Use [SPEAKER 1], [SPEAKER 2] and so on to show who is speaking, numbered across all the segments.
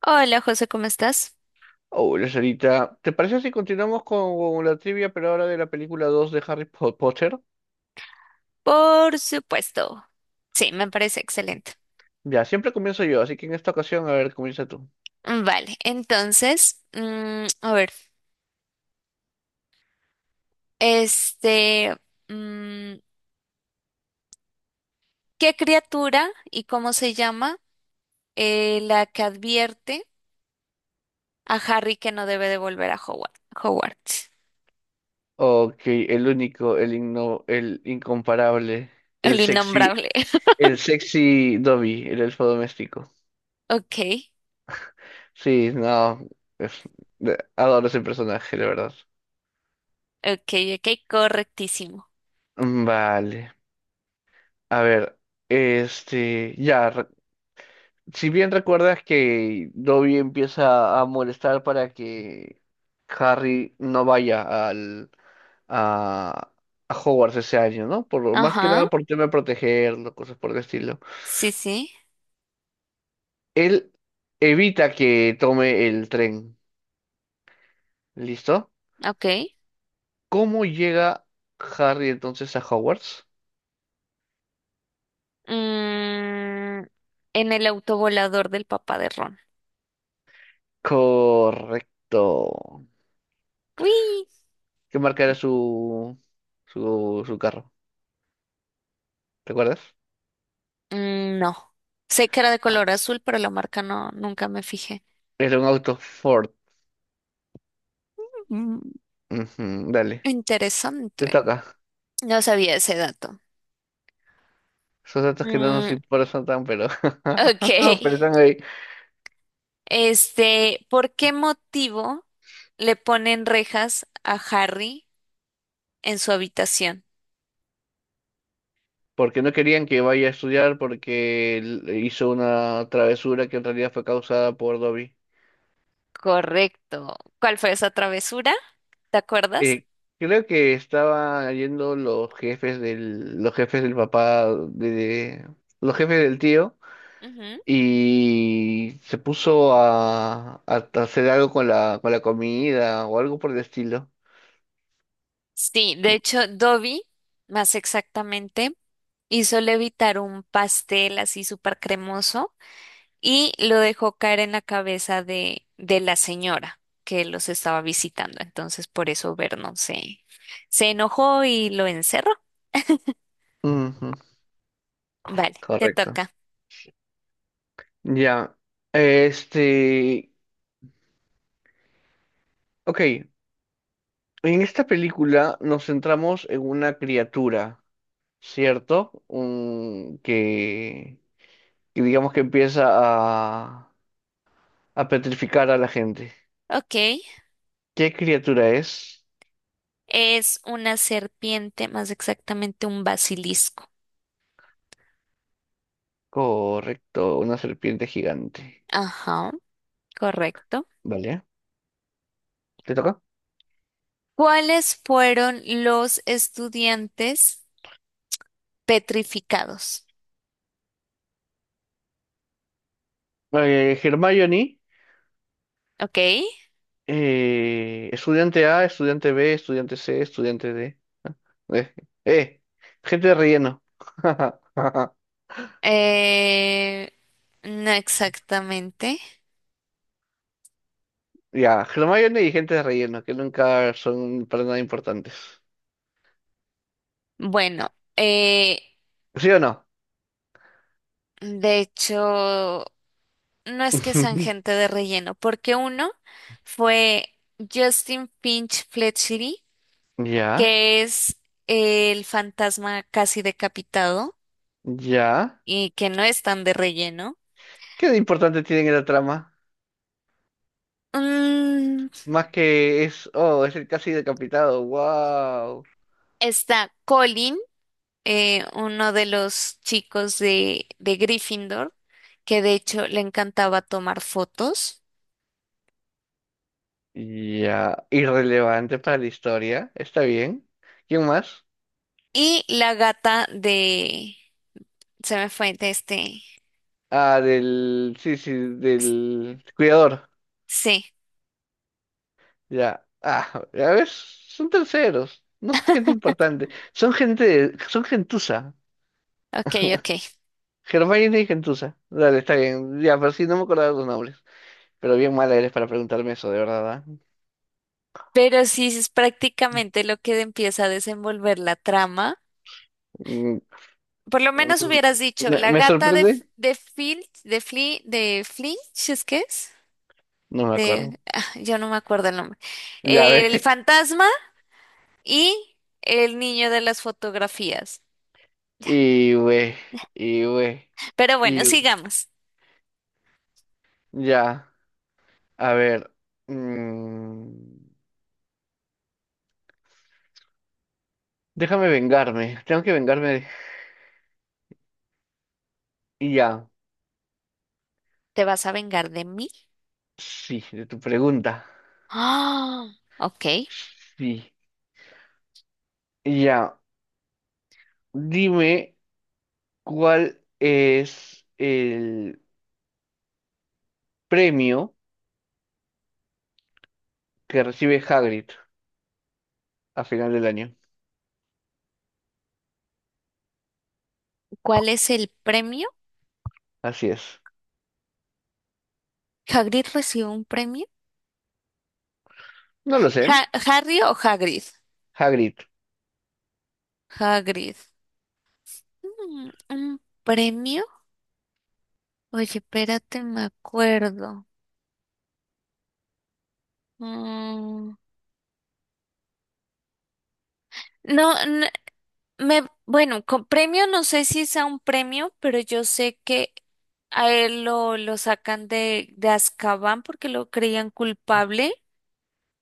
[SPEAKER 1] Hola José, ¿cómo estás?
[SPEAKER 2] Hola, Sarita. ¿Te parece si continuamos con la trivia, pero ahora de la película 2 de Potter?
[SPEAKER 1] Por supuesto. Sí, me parece excelente.
[SPEAKER 2] Ya, siempre comienzo yo, así que en esta ocasión, a ver, comienza tú.
[SPEAKER 1] Vale, entonces, a ver, este, mm, ¿qué criatura y cómo se llama la que advierte a Harry que no debe de volver a Howard? Hogwarts,
[SPEAKER 2] Ok, el incomparable, el
[SPEAKER 1] el
[SPEAKER 2] sexy,
[SPEAKER 1] innombrable.
[SPEAKER 2] el sexy Dobby, el elfo doméstico.
[SPEAKER 1] Ok,
[SPEAKER 2] Sí, no, es- adoro ese personaje, la verdad.
[SPEAKER 1] ok, ok, correctísimo.
[SPEAKER 2] Vale, a ver, este, ya, si bien recuerdas que Dobby empieza a molestar para que Harry no vaya al, a, a Hogwarts ese año, ¿no? Por, más que
[SPEAKER 1] Ajá,
[SPEAKER 2] nada por tema de protegerlo, cosas por el estilo.
[SPEAKER 1] sí, sí,
[SPEAKER 2] Él evita que tome el tren, ¿listo?
[SPEAKER 1] ok.
[SPEAKER 2] ¿Cómo llega Harry entonces a Hogwarts?
[SPEAKER 1] Mm, en el autovolador del papá de Ron.
[SPEAKER 2] Correcto.
[SPEAKER 1] Uy.
[SPEAKER 2] ¿Qué marca era su carro? ¿Recuerdas?
[SPEAKER 1] Mm. No sé que era de color azul, pero la marca no, nunca me fijé.
[SPEAKER 2] Era un auto Ford.
[SPEAKER 1] Mm,
[SPEAKER 2] Ujú, dale, te
[SPEAKER 1] interesante.
[SPEAKER 2] toca.
[SPEAKER 1] No sabía ese dato.
[SPEAKER 2] Esos datos que no nos
[SPEAKER 1] Mm,
[SPEAKER 2] importan tan, pero,
[SPEAKER 1] ok.
[SPEAKER 2] no, pero están ahí.
[SPEAKER 1] Este, ¿por qué motivo le ponen rejas a Harry en su habitación?
[SPEAKER 2] Porque no querían que vaya a estudiar porque él hizo una travesura que en realidad fue causada por Dobby.
[SPEAKER 1] Correcto. ¿Cuál fue esa travesura? ¿Te acuerdas?
[SPEAKER 2] Eh, Creo que estaba yendo los jefes del papá, de- los jefes del tío,
[SPEAKER 1] Ujú.
[SPEAKER 2] y se puso a hacer algo con con la comida o algo por el estilo.
[SPEAKER 1] Sí, de hecho, Dobby, más exactamente, hizo levitar un pastel así súper cremoso y lo dejó caer en la cabeza de la señora que los estaba visitando. Entonces, por eso Vernon se enojó y lo encerró.
[SPEAKER 2] Ujú,
[SPEAKER 1] Vale, te
[SPEAKER 2] correcto.
[SPEAKER 1] toca.
[SPEAKER 2] Ya. Este, ok, en esta película nos centramos en una criatura, ¿cierto? Que digamos que empieza a petrificar a la gente.
[SPEAKER 1] Ok,
[SPEAKER 2] ¿Qué criatura es?
[SPEAKER 1] es una serpiente, más exactamente un basilisco.
[SPEAKER 2] Correcto, una serpiente gigante.
[SPEAKER 1] Ajá, correcto.
[SPEAKER 2] ¿Vale? ¿Te toca?
[SPEAKER 1] ¿Cuáles fueron los estudiantes petrificados?
[SPEAKER 2] Hermione,
[SPEAKER 1] Ok,
[SPEAKER 2] estudiante A, estudiante B, estudiante C, estudiante D. Eh, eh, gente de relleno.
[SPEAKER 1] eh, no exactamente.
[SPEAKER 2] Ya, Hermione y gente de relleno, que nunca son para nada importantes.
[SPEAKER 1] Bueno,
[SPEAKER 2] ¿Sí o no?
[SPEAKER 1] de hecho, no es que sean gente de relleno, porque uno fue Justin Finch Fletchery,
[SPEAKER 2] Ya,
[SPEAKER 1] que es el fantasma casi decapitado
[SPEAKER 2] ya.
[SPEAKER 1] y que no es tan de relleno.
[SPEAKER 2] ¿Qué de importante tiene en la trama?
[SPEAKER 1] Mm,
[SPEAKER 2] Más que es, oh, es el casi decapitado, wow.
[SPEAKER 1] está Colin, uno de los chicos de Gryffindor, que de hecho le encantaba tomar fotos.
[SPEAKER 2] Ya, irrelevante para la historia, está bien. ¿Quién más?
[SPEAKER 1] Y la gata de... Se me fue de este...
[SPEAKER 2] Ah, del, sí, sí, del cuidador.
[SPEAKER 1] Sí,
[SPEAKER 2] Ya, ah, ya ves, son terceros, no son gente importante, son gente, son gentuza,
[SPEAKER 1] ok, ok.
[SPEAKER 2] Hermione y gentuza. Dale, está bien, ya, pero sí, no me acordaba los nombres. Pero bien mala eres para preguntarme eso, de verdad, ¿ah?
[SPEAKER 1] Pero sí es prácticamente lo que empieza a desenvolver la trama.
[SPEAKER 2] Mm,
[SPEAKER 1] Por lo menos
[SPEAKER 2] mm,
[SPEAKER 1] hubieras dicho, la
[SPEAKER 2] Me
[SPEAKER 1] gata de, F-
[SPEAKER 2] sorprende,
[SPEAKER 1] de Filch, de Fli, de Flinch, ¿es que es?
[SPEAKER 2] no me acuerdo.
[SPEAKER 1] De, ah, yo no me acuerdo el nombre.
[SPEAKER 2] Ya ve.
[SPEAKER 1] El fantasma y el niño de las fotografías.
[SPEAKER 2] Y güey, y güey,
[SPEAKER 1] Pero bueno,
[SPEAKER 2] y
[SPEAKER 1] sigamos.
[SPEAKER 2] ya. A ver. mm, Déjame vengarme. Tengo que vengarme. Y ya.
[SPEAKER 1] ¿Te vas a vengar de mí?
[SPEAKER 2] Sí, de tu pregunta.
[SPEAKER 1] Ah, ok.
[SPEAKER 2] Sí. Y ya. Dime cuál es el premio que recibe Hagrid a final del año.
[SPEAKER 1] ¿Cuál es el premio?
[SPEAKER 2] Así es.
[SPEAKER 1] ¿Hagrid recibió un premio?
[SPEAKER 2] No lo sé.
[SPEAKER 1] Ja- ¿Harry o Hagrid?
[SPEAKER 2] Hagrid.
[SPEAKER 1] Hagrid. Mm, ¿un premio? Oye, espérate, me acuerdo. Mm, no, bueno, con premio no sé si sea un premio, pero yo sé que a él lo sacan de Azkaban porque lo creían culpable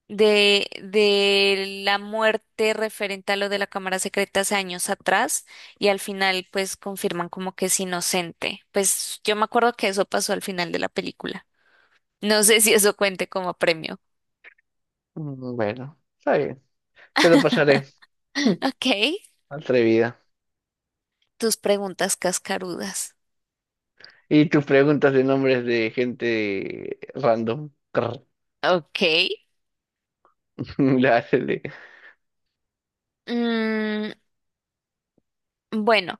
[SPEAKER 1] de la muerte referente a lo de la cámara secreta hace años atrás y al final pues confirman como que es inocente. Pues yo me acuerdo que eso pasó al final de la película. No sé si eso cuente como premio.
[SPEAKER 2] Bueno, está bien. Te lo pasaré.
[SPEAKER 1] Ok.
[SPEAKER 2] Atrevida.
[SPEAKER 1] Tus preguntas cascarudas.
[SPEAKER 2] Y tus preguntas de nombres de gente random. Crr.
[SPEAKER 1] Ok.
[SPEAKER 2] La hace de...
[SPEAKER 1] Mm, bueno,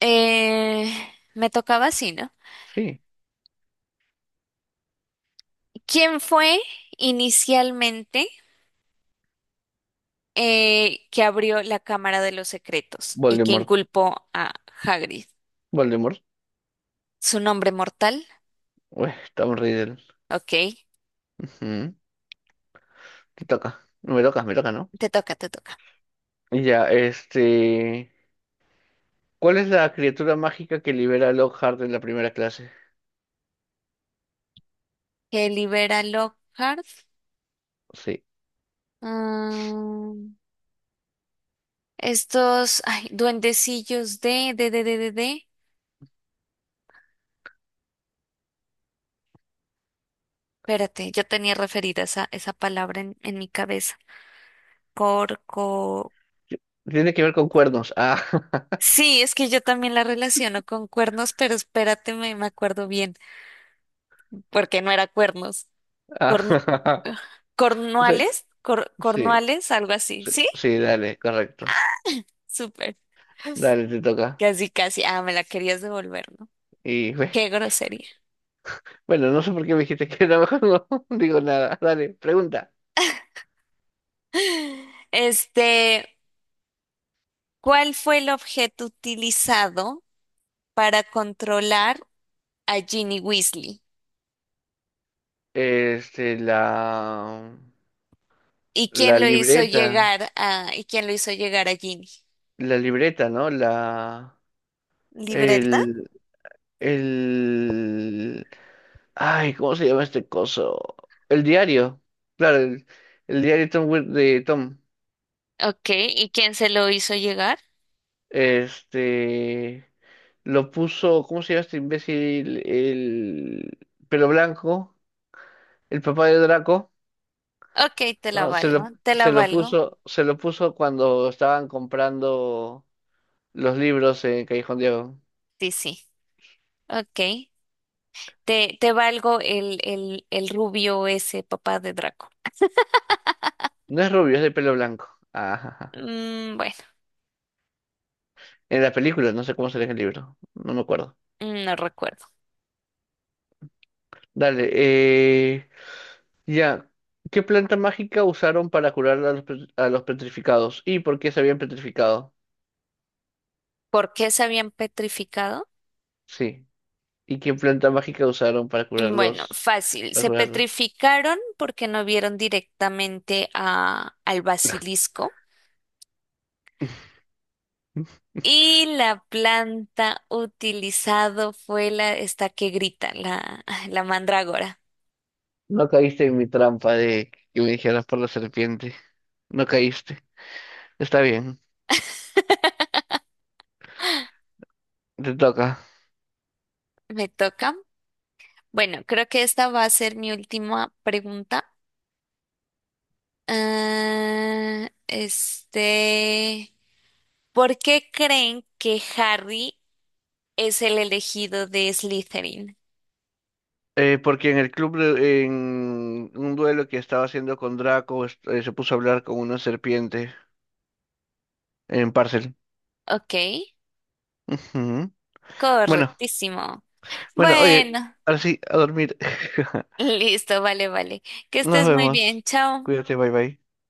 [SPEAKER 1] eh, me tocaba así, ¿no?
[SPEAKER 2] Sí,
[SPEAKER 1] ¿Quién fue inicialmente que abrió la Cámara de los Secretos y que
[SPEAKER 2] Voldemort.
[SPEAKER 1] inculpó a Hagrid?
[SPEAKER 2] Voldemort.
[SPEAKER 1] ¿Su nombre mortal?
[SPEAKER 2] Uy, Tom Riddle.
[SPEAKER 1] Ok.
[SPEAKER 2] Ujú. Te toca. No me tocas, me toca, ¿no?
[SPEAKER 1] Te toca, te toca.
[SPEAKER 2] Ya, este... ¿Cuál es la criatura mágica que libera a Lockhart en la primera clase?
[SPEAKER 1] Que libera Lockhart.
[SPEAKER 2] Sí.
[SPEAKER 1] Mm, estos, ay, duendecillos de. Espérate, yo tenía referida esa palabra en mi cabeza. Corco.
[SPEAKER 2] Tiene que ver con cuernos. Ah,
[SPEAKER 1] Sí, es que yo también la relaciono con cuernos, pero espérate, me acuerdo bien, porque no era cuernos. Corn-,
[SPEAKER 2] ah, no sé,
[SPEAKER 1] cornuales, cor-,
[SPEAKER 2] sí,
[SPEAKER 1] cornuales, algo así.
[SPEAKER 2] sí,
[SPEAKER 1] ¿Sí?
[SPEAKER 2] sí, dale, correcto.
[SPEAKER 1] Súper.
[SPEAKER 2] Dale, te toca.
[SPEAKER 1] Casi, casi. Ah, me la querías devolver, ¿no?
[SPEAKER 2] Y
[SPEAKER 1] Qué grosería.
[SPEAKER 2] bueno, no sé por qué me dijiste que era mejor, no digo nada. Dale, pregunta.
[SPEAKER 1] Este, ¿cuál fue el objeto utilizado para controlar a Ginny Weasley?
[SPEAKER 2] Este, la, la libreta,
[SPEAKER 1] ¿Y quién lo hizo llegar a Ginny?
[SPEAKER 2] la libreta, ¿no?
[SPEAKER 1] ¿Libreta?
[SPEAKER 2] El, el, ay, ¿cómo se llama este coso? El diario, claro, el diario de de Tom.
[SPEAKER 1] Ok, ¿y quién se lo hizo llegar?
[SPEAKER 2] Este, lo puso, ¿cómo se llama este imbécil? El pelo blanco, el papá de Draco,
[SPEAKER 1] Ok, te la
[SPEAKER 2] ¿no?
[SPEAKER 1] valgo, te la valgo.
[SPEAKER 2] Se lo puso cuando estaban comprando los libros en Callejón Diego.
[SPEAKER 1] Sí, sí. Ok, te valgo el rubio ese papá de Draco.
[SPEAKER 2] No es rubio, es de pelo blanco. Ajá, ajá.
[SPEAKER 1] Mm, bueno,
[SPEAKER 2] En la película, no sé cómo sale en el libro. No me acuerdo.
[SPEAKER 1] mm, no recuerdo.
[SPEAKER 2] Dale, ya. ¿Qué planta mágica usaron para curar a a los petrificados? ¿Y por qué se habían petrificado?
[SPEAKER 1] ¿Por qué se habían petrificado?
[SPEAKER 2] Sí. ¿Y qué planta mágica usaron para
[SPEAKER 1] Mm, bueno,
[SPEAKER 2] curarlos?
[SPEAKER 1] fácil.
[SPEAKER 2] Para
[SPEAKER 1] Se
[SPEAKER 2] curarlos.
[SPEAKER 1] petrificaron porque no vieron directamente a, al basilisco. Y la planta utilizado fue esta que grita, la mandrágora.
[SPEAKER 2] No caíste en mi trampa de que me dijeras por la serpiente. No caíste. Está bien. Te toca.
[SPEAKER 1] Me toca. Bueno, creo que esta va a ser mi última pregunta. Ah, este, ¿por qué creen que Harry es el elegido de Slytherin?
[SPEAKER 2] Porque en en un duelo que estaba haciendo con Draco, se puso a hablar con una serpiente. En Parcel.
[SPEAKER 1] Ok,
[SPEAKER 2] Ujú. Bueno,
[SPEAKER 1] correctísimo.
[SPEAKER 2] bueno, oye,
[SPEAKER 1] Bueno,
[SPEAKER 2] ahora sí, a dormir.
[SPEAKER 1] listo, vale, vale. Que
[SPEAKER 2] Nos
[SPEAKER 1] estés muy bien,
[SPEAKER 2] vemos.
[SPEAKER 1] chao.
[SPEAKER 2] Cuídate, bye bye.